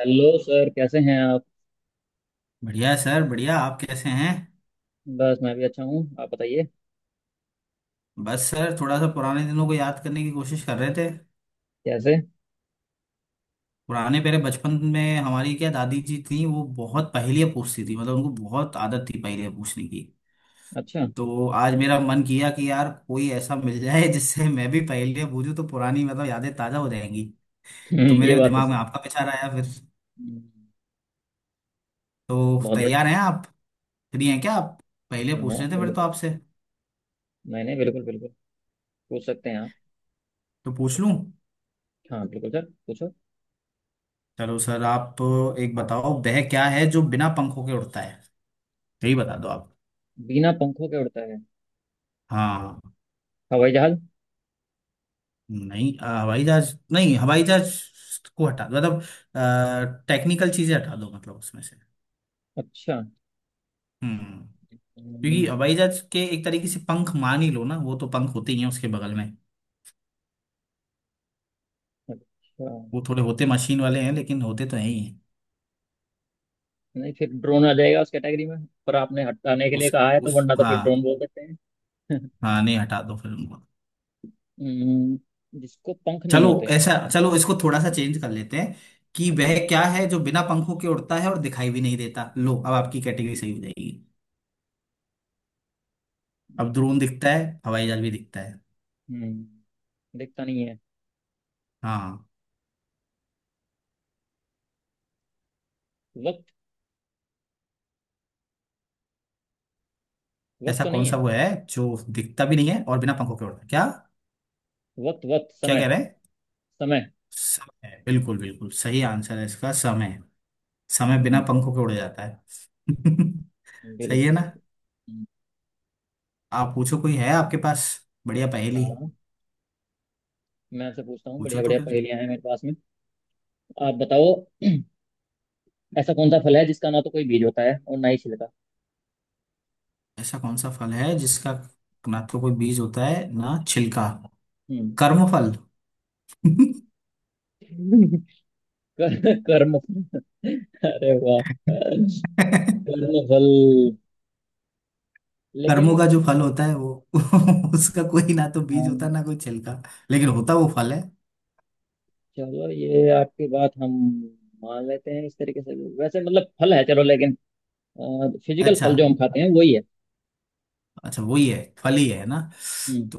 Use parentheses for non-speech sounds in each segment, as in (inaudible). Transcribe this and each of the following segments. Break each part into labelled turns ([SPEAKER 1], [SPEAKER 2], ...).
[SPEAKER 1] Hello sir, कैसे हैं आप।
[SPEAKER 2] बढ़िया है सर बढ़िया। आप कैसे हैं?
[SPEAKER 1] बस मैं भी अच्छा हूँ, आप बताइए।
[SPEAKER 2] बस सर थोड़ा सा पुराने दिनों को याद करने की कोशिश कर रहे थे।
[SPEAKER 1] कैसे।
[SPEAKER 2] पुराने मेरे बचपन में हमारी क्या दादी जी थी, वो बहुत पहेलियाँ पूछती थी। मतलब उनको बहुत आदत थी पहेलियाँ पूछने की।
[SPEAKER 1] अच्छा।
[SPEAKER 2] तो आज मेरा मन किया कि यार कोई ऐसा मिल जाए (laughs) जिससे मैं भी पहेलियाँ पूछूं तो पुरानी मतलब यादें ताज़ा हो जाएंगी। तो
[SPEAKER 1] ये
[SPEAKER 2] मेरे
[SPEAKER 1] बात तो
[SPEAKER 2] दिमाग
[SPEAKER 1] सही
[SPEAKER 2] में
[SPEAKER 1] है।
[SPEAKER 2] आपका विचार आया फिर।
[SPEAKER 1] हम्म।
[SPEAKER 2] तो
[SPEAKER 1] बहुत।
[SPEAKER 2] तैयार हैं आप? फ्री हैं क्या आप? पहेलियाँ
[SPEAKER 1] बढ़िया,
[SPEAKER 2] पूछ
[SPEAKER 1] हाँ
[SPEAKER 2] रहे थे फिर तो
[SPEAKER 1] बिल्कुल।
[SPEAKER 2] आपसे।
[SPEAKER 1] नहीं नहीं, बिल्कुल बिल्कुल। पूछ सकते हैं आप।
[SPEAKER 2] तो पूछ लूँ।
[SPEAKER 1] हाँ बिल्कुल सर, पूछो।
[SPEAKER 2] चलो सर आप। एक बताओ, वह क्या है जो बिना पंखों के उड़ता है। यही बता दो आप।
[SPEAKER 1] बिना पंखों के उड़ता है।
[SPEAKER 2] हाँ।
[SPEAKER 1] हवाई जहाज।
[SPEAKER 2] नहीं हवाई जहाज नहीं। हवाई जहाज को हटा दो मतलब। टेक्निकल चीजें हटा दो मतलब उसमें से।
[SPEAKER 1] अच्छा।
[SPEAKER 2] हम्म। क्योंकि
[SPEAKER 1] हम्म।
[SPEAKER 2] हवाई जहाज के एक तरीके से पंख मान ही लो ना, वो तो पंख होते ही हैं उसके बगल में।
[SPEAKER 1] अच्छा।
[SPEAKER 2] वो थोड़े होते मशीन वाले हैं लेकिन होते तो हैं ही हैं।
[SPEAKER 1] नहीं, फिर ड्रोन आ जाएगा उस कैटेगरी में, पर आपने हटाने के लिए
[SPEAKER 2] उस
[SPEAKER 1] कहा है तो
[SPEAKER 2] उस
[SPEAKER 1] वरना तो
[SPEAKER 2] हाँ।
[SPEAKER 1] फिर ड्रोन बोल देते हैं। (laughs)
[SPEAKER 2] हाँ नहीं हटा दो फिर उनको।
[SPEAKER 1] हम्म। जिसको पंख नहीं
[SPEAKER 2] चलो
[SPEAKER 1] होते।
[SPEAKER 2] ऐसा, चलो इसको थोड़ा सा चेंज कर लेते हैं कि
[SPEAKER 1] अच्छा।
[SPEAKER 2] वह क्या है जो बिना पंखों के उड़ता है और दिखाई भी नहीं देता। लो, अब आपकी कैटेगरी सही हो जाएगी। अब ड्रोन दिखता है, हवाई जहाज भी दिखता है।
[SPEAKER 1] हम्म। दिखता नहीं है।
[SPEAKER 2] हाँ।
[SPEAKER 1] वक्त। वक्त
[SPEAKER 2] ऐसा
[SPEAKER 1] तो
[SPEAKER 2] कौन
[SPEAKER 1] नहीं है।
[SPEAKER 2] सा वो है जो दिखता भी नहीं है और बिना पंखों के उड़ता है क्या?
[SPEAKER 1] वक्त वक्त
[SPEAKER 2] क्या
[SPEAKER 1] समय।
[SPEAKER 2] कह रहे हैं?
[SPEAKER 1] समय।
[SPEAKER 2] समय बिल्कुल बिल्कुल सही आंसर है इसका। समय। समय बिना
[SPEAKER 1] हम्म।
[SPEAKER 2] पंखों के उड़ जाता है। (laughs) सही
[SPEAKER 1] बिल्कुल
[SPEAKER 2] है ना।
[SPEAKER 1] बिल्कुल। हम्म।
[SPEAKER 2] आप पूछो, कोई है आपके पास बढ़िया पहेली?
[SPEAKER 1] हाँ। मैं आपसे पूछता हूँ,
[SPEAKER 2] पूछो
[SPEAKER 1] बढ़िया
[SPEAKER 2] तो
[SPEAKER 1] बढ़िया
[SPEAKER 2] फिर।
[SPEAKER 1] पहेलियां हैं मेरे पास में। आप बताओ। ऐसा कौन सा फल है जिसका ना तो कोई बीज होता है और ना ही छिलका।
[SPEAKER 2] ऐसा कौन सा फल है जिसका ना तो कोई बीज होता है ना छिलका?
[SPEAKER 1] हम्म।
[SPEAKER 2] कर्म फल।
[SPEAKER 1] (laughs) कर्म अरे वाह।
[SPEAKER 2] (laughs)
[SPEAKER 1] कर्म फल। लेकिन।
[SPEAKER 2] कर्मों का जो फल होता है वो (laughs) उसका कोई ना तो बीज होता है
[SPEAKER 1] हम।
[SPEAKER 2] ना कोई छिलका। लेकिन होता वो फल है।
[SPEAKER 1] चलो ये आपकी बात हम मान लेते हैं इस तरीके से। वैसे मतलब फल है चलो, लेकिन फिजिकल
[SPEAKER 2] अच्छा।
[SPEAKER 1] फल जो हम खाते हैं वही है।
[SPEAKER 2] अच्छा वही है, फल ही है ना।
[SPEAKER 1] हम्म।
[SPEAKER 2] तो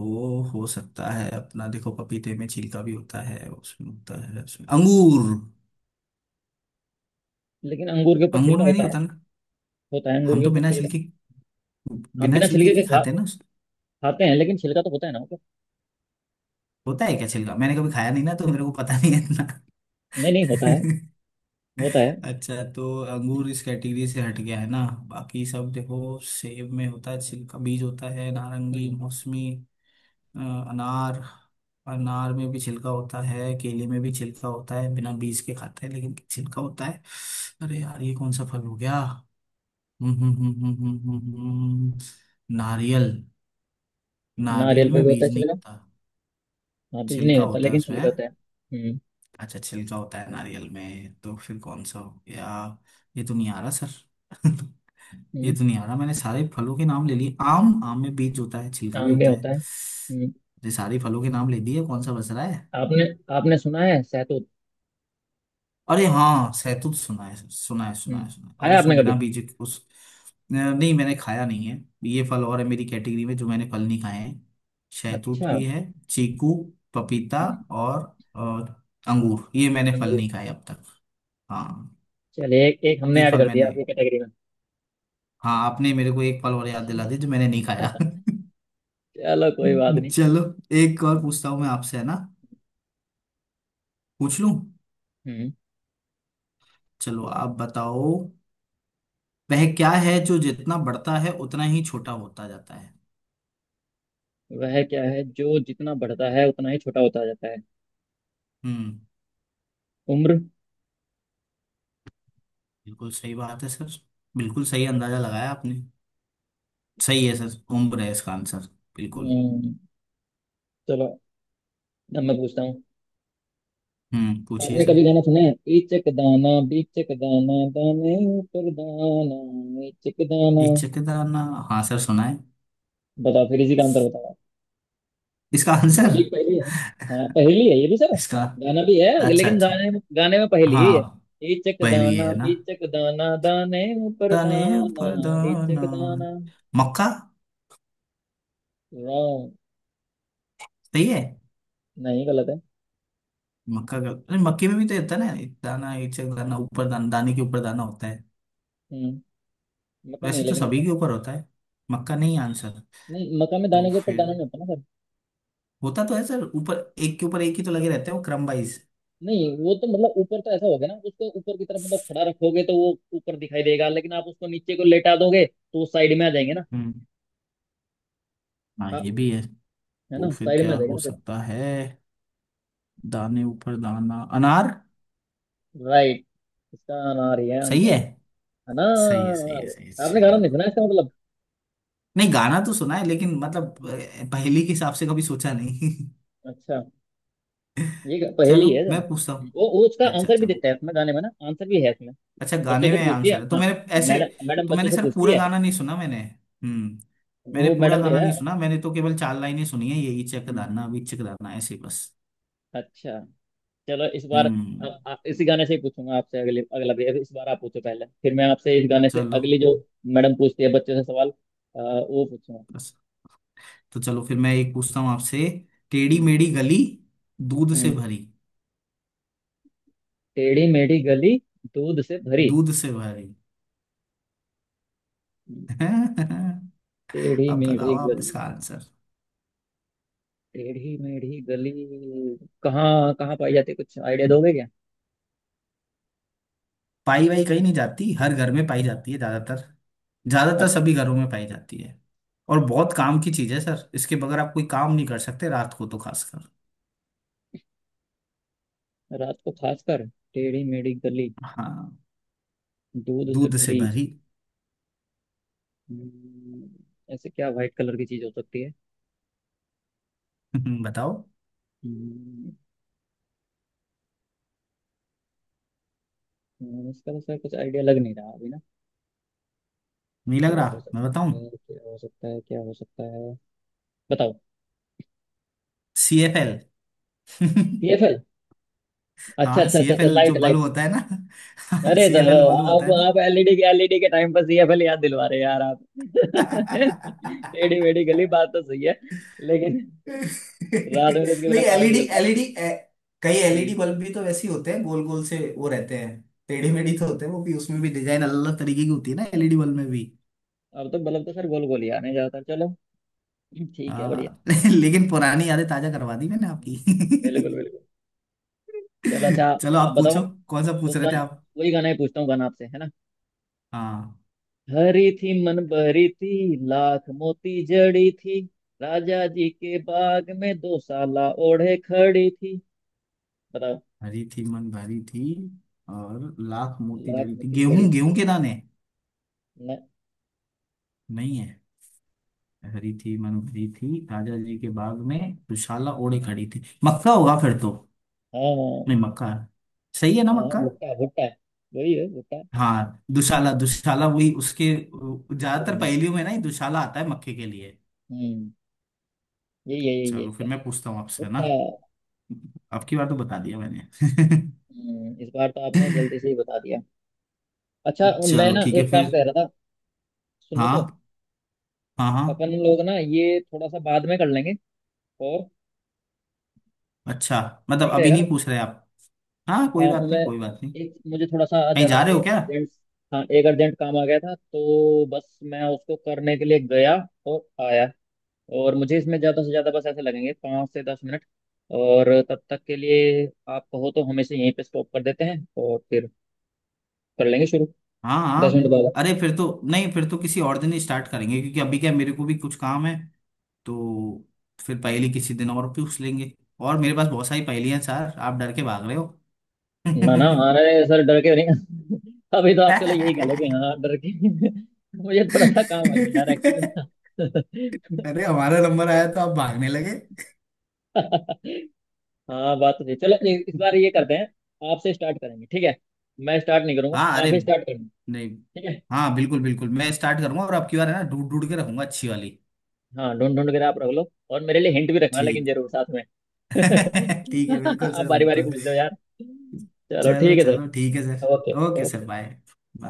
[SPEAKER 2] वो हो सकता है अपना। देखो पपीते में छिलका भी होता है, उसमें होता है। उसमें अंगूर।
[SPEAKER 1] लेकिन अंगूर के ऊपर
[SPEAKER 2] अंगूर
[SPEAKER 1] छिलका
[SPEAKER 2] में
[SPEAKER 1] होता
[SPEAKER 2] नहीं
[SPEAKER 1] है।
[SPEAKER 2] होता ना।
[SPEAKER 1] होता है अंगूर
[SPEAKER 2] हम
[SPEAKER 1] के
[SPEAKER 2] तो
[SPEAKER 1] ऊपर
[SPEAKER 2] बिना
[SPEAKER 1] छिलका।
[SPEAKER 2] छिलके
[SPEAKER 1] हम
[SPEAKER 2] बिना
[SPEAKER 1] बिना
[SPEAKER 2] छिलके
[SPEAKER 1] छिलके के
[SPEAKER 2] की
[SPEAKER 1] खा
[SPEAKER 2] खाते हैं ना
[SPEAKER 1] खाते हैं लेकिन छिलका तो होता है ना, मतलब।
[SPEAKER 2] होता है क्या छिलका? मैंने कभी खाया नहीं ना, तो मेरे को पता नहीं है इतना।
[SPEAKER 1] नहीं नहीं, होता है। होता है।
[SPEAKER 2] (laughs) अच्छा तो अंगूर इस कैटेगरी से हट गया है ना। बाकी सब देखो, सेब में होता है छिलका, बीज होता है। नारंगी,
[SPEAKER 1] हम्म।
[SPEAKER 2] मौसमी, अ, अनार। अनार में भी छिलका होता है, केले में भी छिलका होता है। बिना बीज के खाते हैं लेकिन छिलका होता है। अरे यार ये कौन सा फल हो गया? हम्म हम्म हम्म हम्म हम्म हम्म, हम्म। नारियल। नारियल
[SPEAKER 1] नारियल पे
[SPEAKER 2] में
[SPEAKER 1] भी होता है
[SPEAKER 2] बीज नहीं
[SPEAKER 1] छिलका।
[SPEAKER 2] होता।
[SPEAKER 1] हाँ, बीज नहीं
[SPEAKER 2] छिलका
[SPEAKER 1] होता
[SPEAKER 2] होता है
[SPEAKER 1] लेकिन
[SPEAKER 2] उसमें
[SPEAKER 1] छिलका
[SPEAKER 2] हैं?
[SPEAKER 1] होता है। हम्म।
[SPEAKER 2] अच्छा छिलका होता है नारियल में, तो फिर कौन सा हो गया? ये तो नहीं आ रहा सर। (laughs) ये
[SPEAKER 1] हम्म।
[SPEAKER 2] तो नहीं आ रहा। मैंने सारे फलों के नाम ले लिए। आम। आम में बीज होता है, छिलका भी
[SPEAKER 1] आम भी
[SPEAKER 2] होता
[SPEAKER 1] होता
[SPEAKER 2] है।
[SPEAKER 1] है। हम्म।
[SPEAKER 2] ये सारे फलों के नाम ले दिए, कौन सा बच रहा है?
[SPEAKER 1] आपने आपने सुना है सहतूत।
[SPEAKER 2] अरे हाँ सैतूत सुना है सुना है सुना
[SPEAKER 1] हम्म।
[SPEAKER 2] है सुना है और
[SPEAKER 1] खाया
[SPEAKER 2] उसको
[SPEAKER 1] आपने कभी।
[SPEAKER 2] बिना बीज के- उस नहीं मैंने खाया नहीं है। ये फल और है मेरी कैटेगरी में जो मैंने फल नहीं खाए हैं। शहतूत
[SPEAKER 1] अच्छा।
[SPEAKER 2] भी है, चीकू, पपीता
[SPEAKER 1] हम्म।
[SPEAKER 2] और अंगूर, ये मैंने फल
[SPEAKER 1] अंगूर।
[SPEAKER 2] नहीं खाए अब तक। हाँ
[SPEAKER 1] चलिए एक एक हमने
[SPEAKER 2] ये
[SPEAKER 1] ऐड
[SPEAKER 2] फल
[SPEAKER 1] कर दिया
[SPEAKER 2] मैंने।
[SPEAKER 1] आपकी कैटेगरी
[SPEAKER 2] हाँ आपने मेरे को एक फल और याद दिला
[SPEAKER 1] में।
[SPEAKER 2] दिया जो मैंने नहीं खाया।
[SPEAKER 1] चलो कोई बात
[SPEAKER 2] (laughs)
[SPEAKER 1] नहीं।
[SPEAKER 2] चलो एक और पूछता हूँ मैं आपसे है ना। पूछ लूं।
[SPEAKER 1] हम्म।
[SPEAKER 2] चलो आप बताओ। वह क्या है जो जितना बढ़ता है उतना ही छोटा होता जाता है?
[SPEAKER 1] वह क्या है जो जितना बढ़ता है उतना ही छोटा होता जाता है।
[SPEAKER 2] हम्म।
[SPEAKER 1] उम्र।
[SPEAKER 2] बिल्कुल सही बात है सर। बिल्कुल सही अंदाजा लगाया आपने। सही है सर, उम्र है इसका आंसर। बिल्कुल।
[SPEAKER 1] हम्म। चलो, अब मैं पूछता हूँ।
[SPEAKER 2] हम्म, पूछिए
[SPEAKER 1] आपने कभी
[SPEAKER 2] सर।
[SPEAKER 1] गाना सुना है, ईचक दाना बीचक दाना दाने ऊपर दाना ईचक दाना।
[SPEAKER 2] इचकदार ना। हाँ सर, सुना है।
[SPEAKER 1] बताओ फिर इसी का अंतर बताओ आप।
[SPEAKER 2] इसका आंसर।
[SPEAKER 1] ये भी एक पहेली है। हाँ पहेली है ये भी सर।
[SPEAKER 2] इसका।
[SPEAKER 1] गाना भी है
[SPEAKER 2] अच्छा
[SPEAKER 1] लेकिन
[SPEAKER 2] अच्छा।
[SPEAKER 1] गाने में पहेली ही
[SPEAKER 2] हाँ।
[SPEAKER 1] है। ईचक
[SPEAKER 2] पहली ये
[SPEAKER 1] दाना
[SPEAKER 2] है ना।
[SPEAKER 1] बीचक दाना दाने ऊपर
[SPEAKER 2] तने
[SPEAKER 1] दाना
[SPEAKER 2] पर
[SPEAKER 1] ईचक
[SPEAKER 2] दाना।
[SPEAKER 1] दाना।
[SPEAKER 2] मक्का।
[SPEAKER 1] रॉन्ग।
[SPEAKER 2] सही है।
[SPEAKER 1] नहीं गलत है।
[SPEAKER 2] मक्का का, अरे मक्के में भी तो होता है ना। एक दाना इचक दाना ऊपर दाना, दाने के ऊपर दाना होता है।
[SPEAKER 1] हम्म। मक्का नहीं है
[SPEAKER 2] वैसे तो
[SPEAKER 1] लेकिन
[SPEAKER 2] सभी
[SPEAKER 1] इसका।
[SPEAKER 2] के ऊपर होता है। मक्का नहीं आंसर?
[SPEAKER 1] नहीं, मक्का में
[SPEAKER 2] तो
[SPEAKER 1] दाने के ऊपर
[SPEAKER 2] फिर।
[SPEAKER 1] दाना नहीं होता ना।
[SPEAKER 2] होता तो है सर ऊपर, एक के ऊपर एक ही तो लगे रहते हैं वो क्रम वाइज।
[SPEAKER 1] नहीं, वो तो मतलब ऊपर तो ऐसा हो गया ना, उसको ऊपर की तरफ मतलब खड़ा रखोगे तो वो ऊपर दिखाई देगा, लेकिन आप उसको नीचे को लेटा दोगे तो साइड में आ जाएंगे ना।
[SPEAKER 2] हाँ
[SPEAKER 1] हाँ,
[SPEAKER 2] ये भी है।
[SPEAKER 1] है
[SPEAKER 2] तो
[SPEAKER 1] ना
[SPEAKER 2] फिर
[SPEAKER 1] साइड में
[SPEAKER 2] क्या
[SPEAKER 1] आ जाएगा
[SPEAKER 2] हो
[SPEAKER 1] ना फिर।
[SPEAKER 2] सकता है? दाने ऊपर दाना, अनार।
[SPEAKER 1] राइट। इसका अनार ही है
[SPEAKER 2] सही
[SPEAKER 1] आंसर।
[SPEAKER 2] है। सही है सही है सही है
[SPEAKER 1] अनार। आपने गाना
[SPEAKER 2] चलो।
[SPEAKER 1] नहीं सुना इसका मतलब।
[SPEAKER 2] नहीं गाना तो सुना है लेकिन मतलब
[SPEAKER 1] हम्म।
[SPEAKER 2] पहेली के हिसाब से कभी सोचा नहीं।
[SPEAKER 1] अच्छा। ये ग-
[SPEAKER 2] (laughs)
[SPEAKER 1] पहेली
[SPEAKER 2] चलो
[SPEAKER 1] है ना?
[SPEAKER 2] मैं पूछता हूँ।
[SPEAKER 1] वो उसका
[SPEAKER 2] अच्छा
[SPEAKER 1] आंसर भी
[SPEAKER 2] अच्छा।
[SPEAKER 1] देता है इसमें, गाने में ना आंसर भी है इसमें।
[SPEAKER 2] अच्छा
[SPEAKER 1] बच्चों
[SPEAKER 2] गाने
[SPEAKER 1] से
[SPEAKER 2] में
[SPEAKER 1] पूछती है
[SPEAKER 2] आंसर है तो
[SPEAKER 1] हाँ।
[SPEAKER 2] मैंने ऐसे।
[SPEAKER 1] मैडम मैडम
[SPEAKER 2] तो
[SPEAKER 1] बच्चों
[SPEAKER 2] मैंने
[SPEAKER 1] से
[SPEAKER 2] सर
[SPEAKER 1] पूछती
[SPEAKER 2] पूरा
[SPEAKER 1] है।
[SPEAKER 2] गाना नहीं सुना मैंने। हम्म। मैंने
[SPEAKER 1] वो
[SPEAKER 2] पूरा
[SPEAKER 1] मैडम जो
[SPEAKER 2] गाना
[SPEAKER 1] है।
[SPEAKER 2] नहीं सुना, मैंने तो केवल चार लाइनें सुनी है, यही
[SPEAKER 1] हम्म।
[SPEAKER 2] चकदाना
[SPEAKER 1] हम्म।
[SPEAKER 2] अभी चकदाना ऐसे बस।
[SPEAKER 1] अच्छा। चलो इस बार
[SPEAKER 2] हम्म
[SPEAKER 1] इसी गाने से ही पूछूंगा आपसे अगले, अगला भी अभी इस बार आप पूछो पहले, फिर मैं आपसे इस गाने से
[SPEAKER 2] चलो
[SPEAKER 1] अगली जो मैडम पूछती है बच्चों से सवाल, वो पूछूंगा।
[SPEAKER 2] बस। तो चलो फिर मैं एक पूछता हूँ आपसे। टेढ़ी
[SPEAKER 1] हम्म।
[SPEAKER 2] मेढ़ी गली। दूध से
[SPEAKER 1] हम्म।
[SPEAKER 2] भरी।
[SPEAKER 1] टेढ़ी मेढ़ी गली दूध से भरी।
[SPEAKER 2] दूध से भरी।
[SPEAKER 1] हम्म,
[SPEAKER 2] (laughs) अब
[SPEAKER 1] टेढ़ी
[SPEAKER 2] बताओ
[SPEAKER 1] मेढ़ी
[SPEAKER 2] आप
[SPEAKER 1] गली।
[SPEAKER 2] इसका आंसर।
[SPEAKER 1] टेढ़ी मेढ़ी गली कहाँ कहाँ पाई जाती है, कुछ आइडिया दोगे क्या।
[SPEAKER 2] पाई वाई कहीं नहीं जाती, हर घर में पाई
[SPEAKER 1] हम्म।
[SPEAKER 2] जाती है ज्यादातर।
[SPEAKER 1] अ-
[SPEAKER 2] ज्यादातर सभी घरों में पाई जाती है। और बहुत काम की चीज है सर, इसके बगैर आप कोई काम नहीं कर सकते रात को तो खासकर।
[SPEAKER 1] रात को खासकर। टेढ़ी मेढ़ी गली
[SPEAKER 2] हाँ।
[SPEAKER 1] दूध से
[SPEAKER 2] दूध से
[SPEAKER 1] भरी।
[SPEAKER 2] भरी।
[SPEAKER 1] हम्म, ऐसे क्या व्हाइट कलर की चीज हो सकती है।
[SPEAKER 2] (laughs) बताओ।
[SPEAKER 1] हम्म। इसका तो सर कुछ आइडिया लग नहीं रहा अभी ना।
[SPEAKER 2] नहीं लग
[SPEAKER 1] क्या हो
[SPEAKER 2] रहा, मैं
[SPEAKER 1] सकता
[SPEAKER 2] बताऊं?
[SPEAKER 1] है, क्या हो सकता है, क्या हो सकता है। बताओ।
[SPEAKER 2] C F L. (laughs)
[SPEAKER 1] सीएफएल। अच्छा
[SPEAKER 2] हाँ
[SPEAKER 1] अच्छा
[SPEAKER 2] सी
[SPEAKER 1] अच्छा
[SPEAKER 2] एफ
[SPEAKER 1] अच्छा,
[SPEAKER 2] एल जो
[SPEAKER 1] लाइट
[SPEAKER 2] बल्ब
[SPEAKER 1] लाइट।
[SPEAKER 2] होता है ना (laughs)
[SPEAKER 1] अरे
[SPEAKER 2] C F
[SPEAKER 1] sir,
[SPEAKER 2] L bulb होता
[SPEAKER 1] आप
[SPEAKER 2] है।
[SPEAKER 1] आप एलईडी के टाइम पर सीएफएल याद दिलवा रहे हैं यार आप। (laughs) टेढ़ी मेढ़ी गली बात तो सही है, लेकिन रात में तो इसके
[SPEAKER 2] नहीं
[SPEAKER 1] बिना काम नहीं
[SPEAKER 2] एलईडी
[SPEAKER 1] चलता।
[SPEAKER 2] एलईडी कई एलईडी
[SPEAKER 1] हम्म।
[SPEAKER 2] बल्ब भी तो वैसे ही होते हैं, गोल गोल से वो रहते हैं। टेढ़ी मेढ़ी तो होते हैं वो भी। उसमें भी डिजाइन अलग अलग तरीके की होती है ना एलईडी बल्ब में भी।
[SPEAKER 1] अब तो बल्ब तो सर गोल गोल ही आने जाता, चलो ठीक है बढ़िया।
[SPEAKER 2] हाँ (laughs) लेकिन पुरानी यादें ताजा करवा दी मैंने आपकी।
[SPEAKER 1] हम्म, बिल्कुल बिल्कुल। चलो अच्छा।
[SPEAKER 2] (laughs) चलो
[SPEAKER 1] आप
[SPEAKER 2] आप पूछो।
[SPEAKER 1] बताओ।
[SPEAKER 2] कौन सा पूछ
[SPEAKER 1] उस
[SPEAKER 2] रहे थे
[SPEAKER 1] गाने।
[SPEAKER 2] आप?
[SPEAKER 1] वही गाना ही पूछता हूँ, गाना आपसे है ना।
[SPEAKER 2] हाँ।
[SPEAKER 1] हरी थी मन भरी थी, लाख मोती जड़ी थी, राजा जी के बाग में दो साला ओढ़े खड़ी थी। बताओ।
[SPEAKER 2] हरी थी मन भरी थी और लाख मोती
[SPEAKER 1] लाख
[SPEAKER 2] जड़ी थी,
[SPEAKER 1] मोती जड़ी
[SPEAKER 2] गेहूं,
[SPEAKER 1] थी।
[SPEAKER 2] गेहूं के दाने।
[SPEAKER 1] न।
[SPEAKER 2] नहीं हरी थी मनभरी थी राजा जी के बाग में दुशाला
[SPEAKER 1] हम्म।
[SPEAKER 2] ओढ़े खड़ी थी, मक्का होगा फिर तो।
[SPEAKER 1] हाँ।
[SPEAKER 2] नहीं, मक्का है। सही है ना
[SPEAKER 1] हाँ
[SPEAKER 2] मक्का।
[SPEAKER 1] भुट्टा भुट्टा, वही है भुट्टा।
[SPEAKER 2] हाँ दुशाला, दुशाला वही उसके।
[SPEAKER 1] पता
[SPEAKER 2] ज्यादातर
[SPEAKER 1] नहीं।
[SPEAKER 2] पहेलियों में ना ये दुशाला आता है मक्के के लिए।
[SPEAKER 1] हम्म। यही है
[SPEAKER 2] चलो
[SPEAKER 1] इसका।
[SPEAKER 2] फिर मैं पूछता हूँ आपसे है ना।
[SPEAKER 1] भुट्टा।
[SPEAKER 2] आपकी बार तो बता दिया मैंने।
[SPEAKER 1] इस बार तो आपने जल्दी से ही बता दिया। अच्छा।
[SPEAKER 2] (laughs)
[SPEAKER 1] मैं
[SPEAKER 2] चलो
[SPEAKER 1] ना
[SPEAKER 2] ठीक है
[SPEAKER 1] एक काम कह
[SPEAKER 2] फिर।
[SPEAKER 1] रहा था, सुनो तो।
[SPEAKER 2] हाँ हाँ हाँ।
[SPEAKER 1] अपन लोग ना ये थोड़ा सा बाद में कर लेंगे। और,
[SPEAKER 2] अच्छा, मतलब
[SPEAKER 1] ठीक
[SPEAKER 2] अभी
[SPEAKER 1] रहेगा
[SPEAKER 2] नहीं
[SPEAKER 1] ना।
[SPEAKER 2] पूछ रहे आप? हाँ कोई
[SPEAKER 1] हाँ, तो
[SPEAKER 2] बात
[SPEAKER 1] मैं
[SPEAKER 2] नहीं, कोई बात नहीं।
[SPEAKER 1] एक, मुझे थोड़ा सा
[SPEAKER 2] कहीं
[SPEAKER 1] जरा
[SPEAKER 2] जा रहे हो
[SPEAKER 1] एक
[SPEAKER 2] क्या?
[SPEAKER 1] अर्जेंट। हाँ, एक अर्जेंट काम आ गया था तो बस मैं उसको करने के लिए गया और आया। और मुझे इसमें ज़्यादा से ज़्यादा बस ऐसे लगेंगे 5 से 10 मिनट, और तब तक के लिए आप कहो तो हम इसे यहीं पे स्टॉप कर देते हैं और फिर कर लेंगे शुरू
[SPEAKER 2] हाँ
[SPEAKER 1] दस
[SPEAKER 2] हाँ।
[SPEAKER 1] मिनट बाद
[SPEAKER 2] अरे फिर तो नहीं, फिर तो किसी और दिन ही स्टार्ट करेंगे क्योंकि अभी क्या मेरे को भी कुछ काम है। तो फिर पहेली किसी दिन और पूछ लेंगे। और मेरे पास बहुत सारी पहेलियां हैं सर, आप डर के भाग रहे हो।
[SPEAKER 1] ना ना, अरे सर डर के नहीं। (laughs) अभी तो आप चलो यही कह लोगे हाँ डर के। (laughs) मुझे थोड़ा सा काम आ गया यार एक्चुअली ना।
[SPEAKER 2] (laughs) अरे हमारा नंबर आया तो आप भागने लगे।
[SPEAKER 1] (laughs) हाँ बात तो सही, चलो इस बार ये करते हैं, आपसे स्टार्ट करेंगे, ठीक है। मैं स्टार्ट नहीं करूंगा,
[SPEAKER 2] हाँ
[SPEAKER 1] आप
[SPEAKER 2] अरे
[SPEAKER 1] ही स्टार्ट करेंगे।
[SPEAKER 2] नहीं।
[SPEAKER 1] ठीक है।
[SPEAKER 2] हाँ बिल्कुल बिल्कुल, मैं स्टार्ट करूंगा और आपकी बार है ना ढूंढ ढूंढ के रखूंगा अच्छी वाली।
[SPEAKER 1] हाँ ढूंढ ढूंढ कर आप रख लो, और मेरे लिए हिंट भी रखना लेकिन
[SPEAKER 2] ठीक।
[SPEAKER 1] जरूर साथ में।
[SPEAKER 2] (laughs) ठीक है
[SPEAKER 1] (laughs)
[SPEAKER 2] बिल्कुल
[SPEAKER 1] आप
[SPEAKER 2] सर
[SPEAKER 1] बारी बारी
[SPEAKER 2] बिल्कुल।
[SPEAKER 1] पूछ लो यार। चलो
[SPEAKER 2] चलो
[SPEAKER 1] ठीक है
[SPEAKER 2] चलो
[SPEAKER 1] सर।
[SPEAKER 2] ठीक है
[SPEAKER 1] okay.
[SPEAKER 2] Sir, okay
[SPEAKER 1] okay
[SPEAKER 2] sir,
[SPEAKER 1] sir.
[SPEAKER 2] Bye. Bye.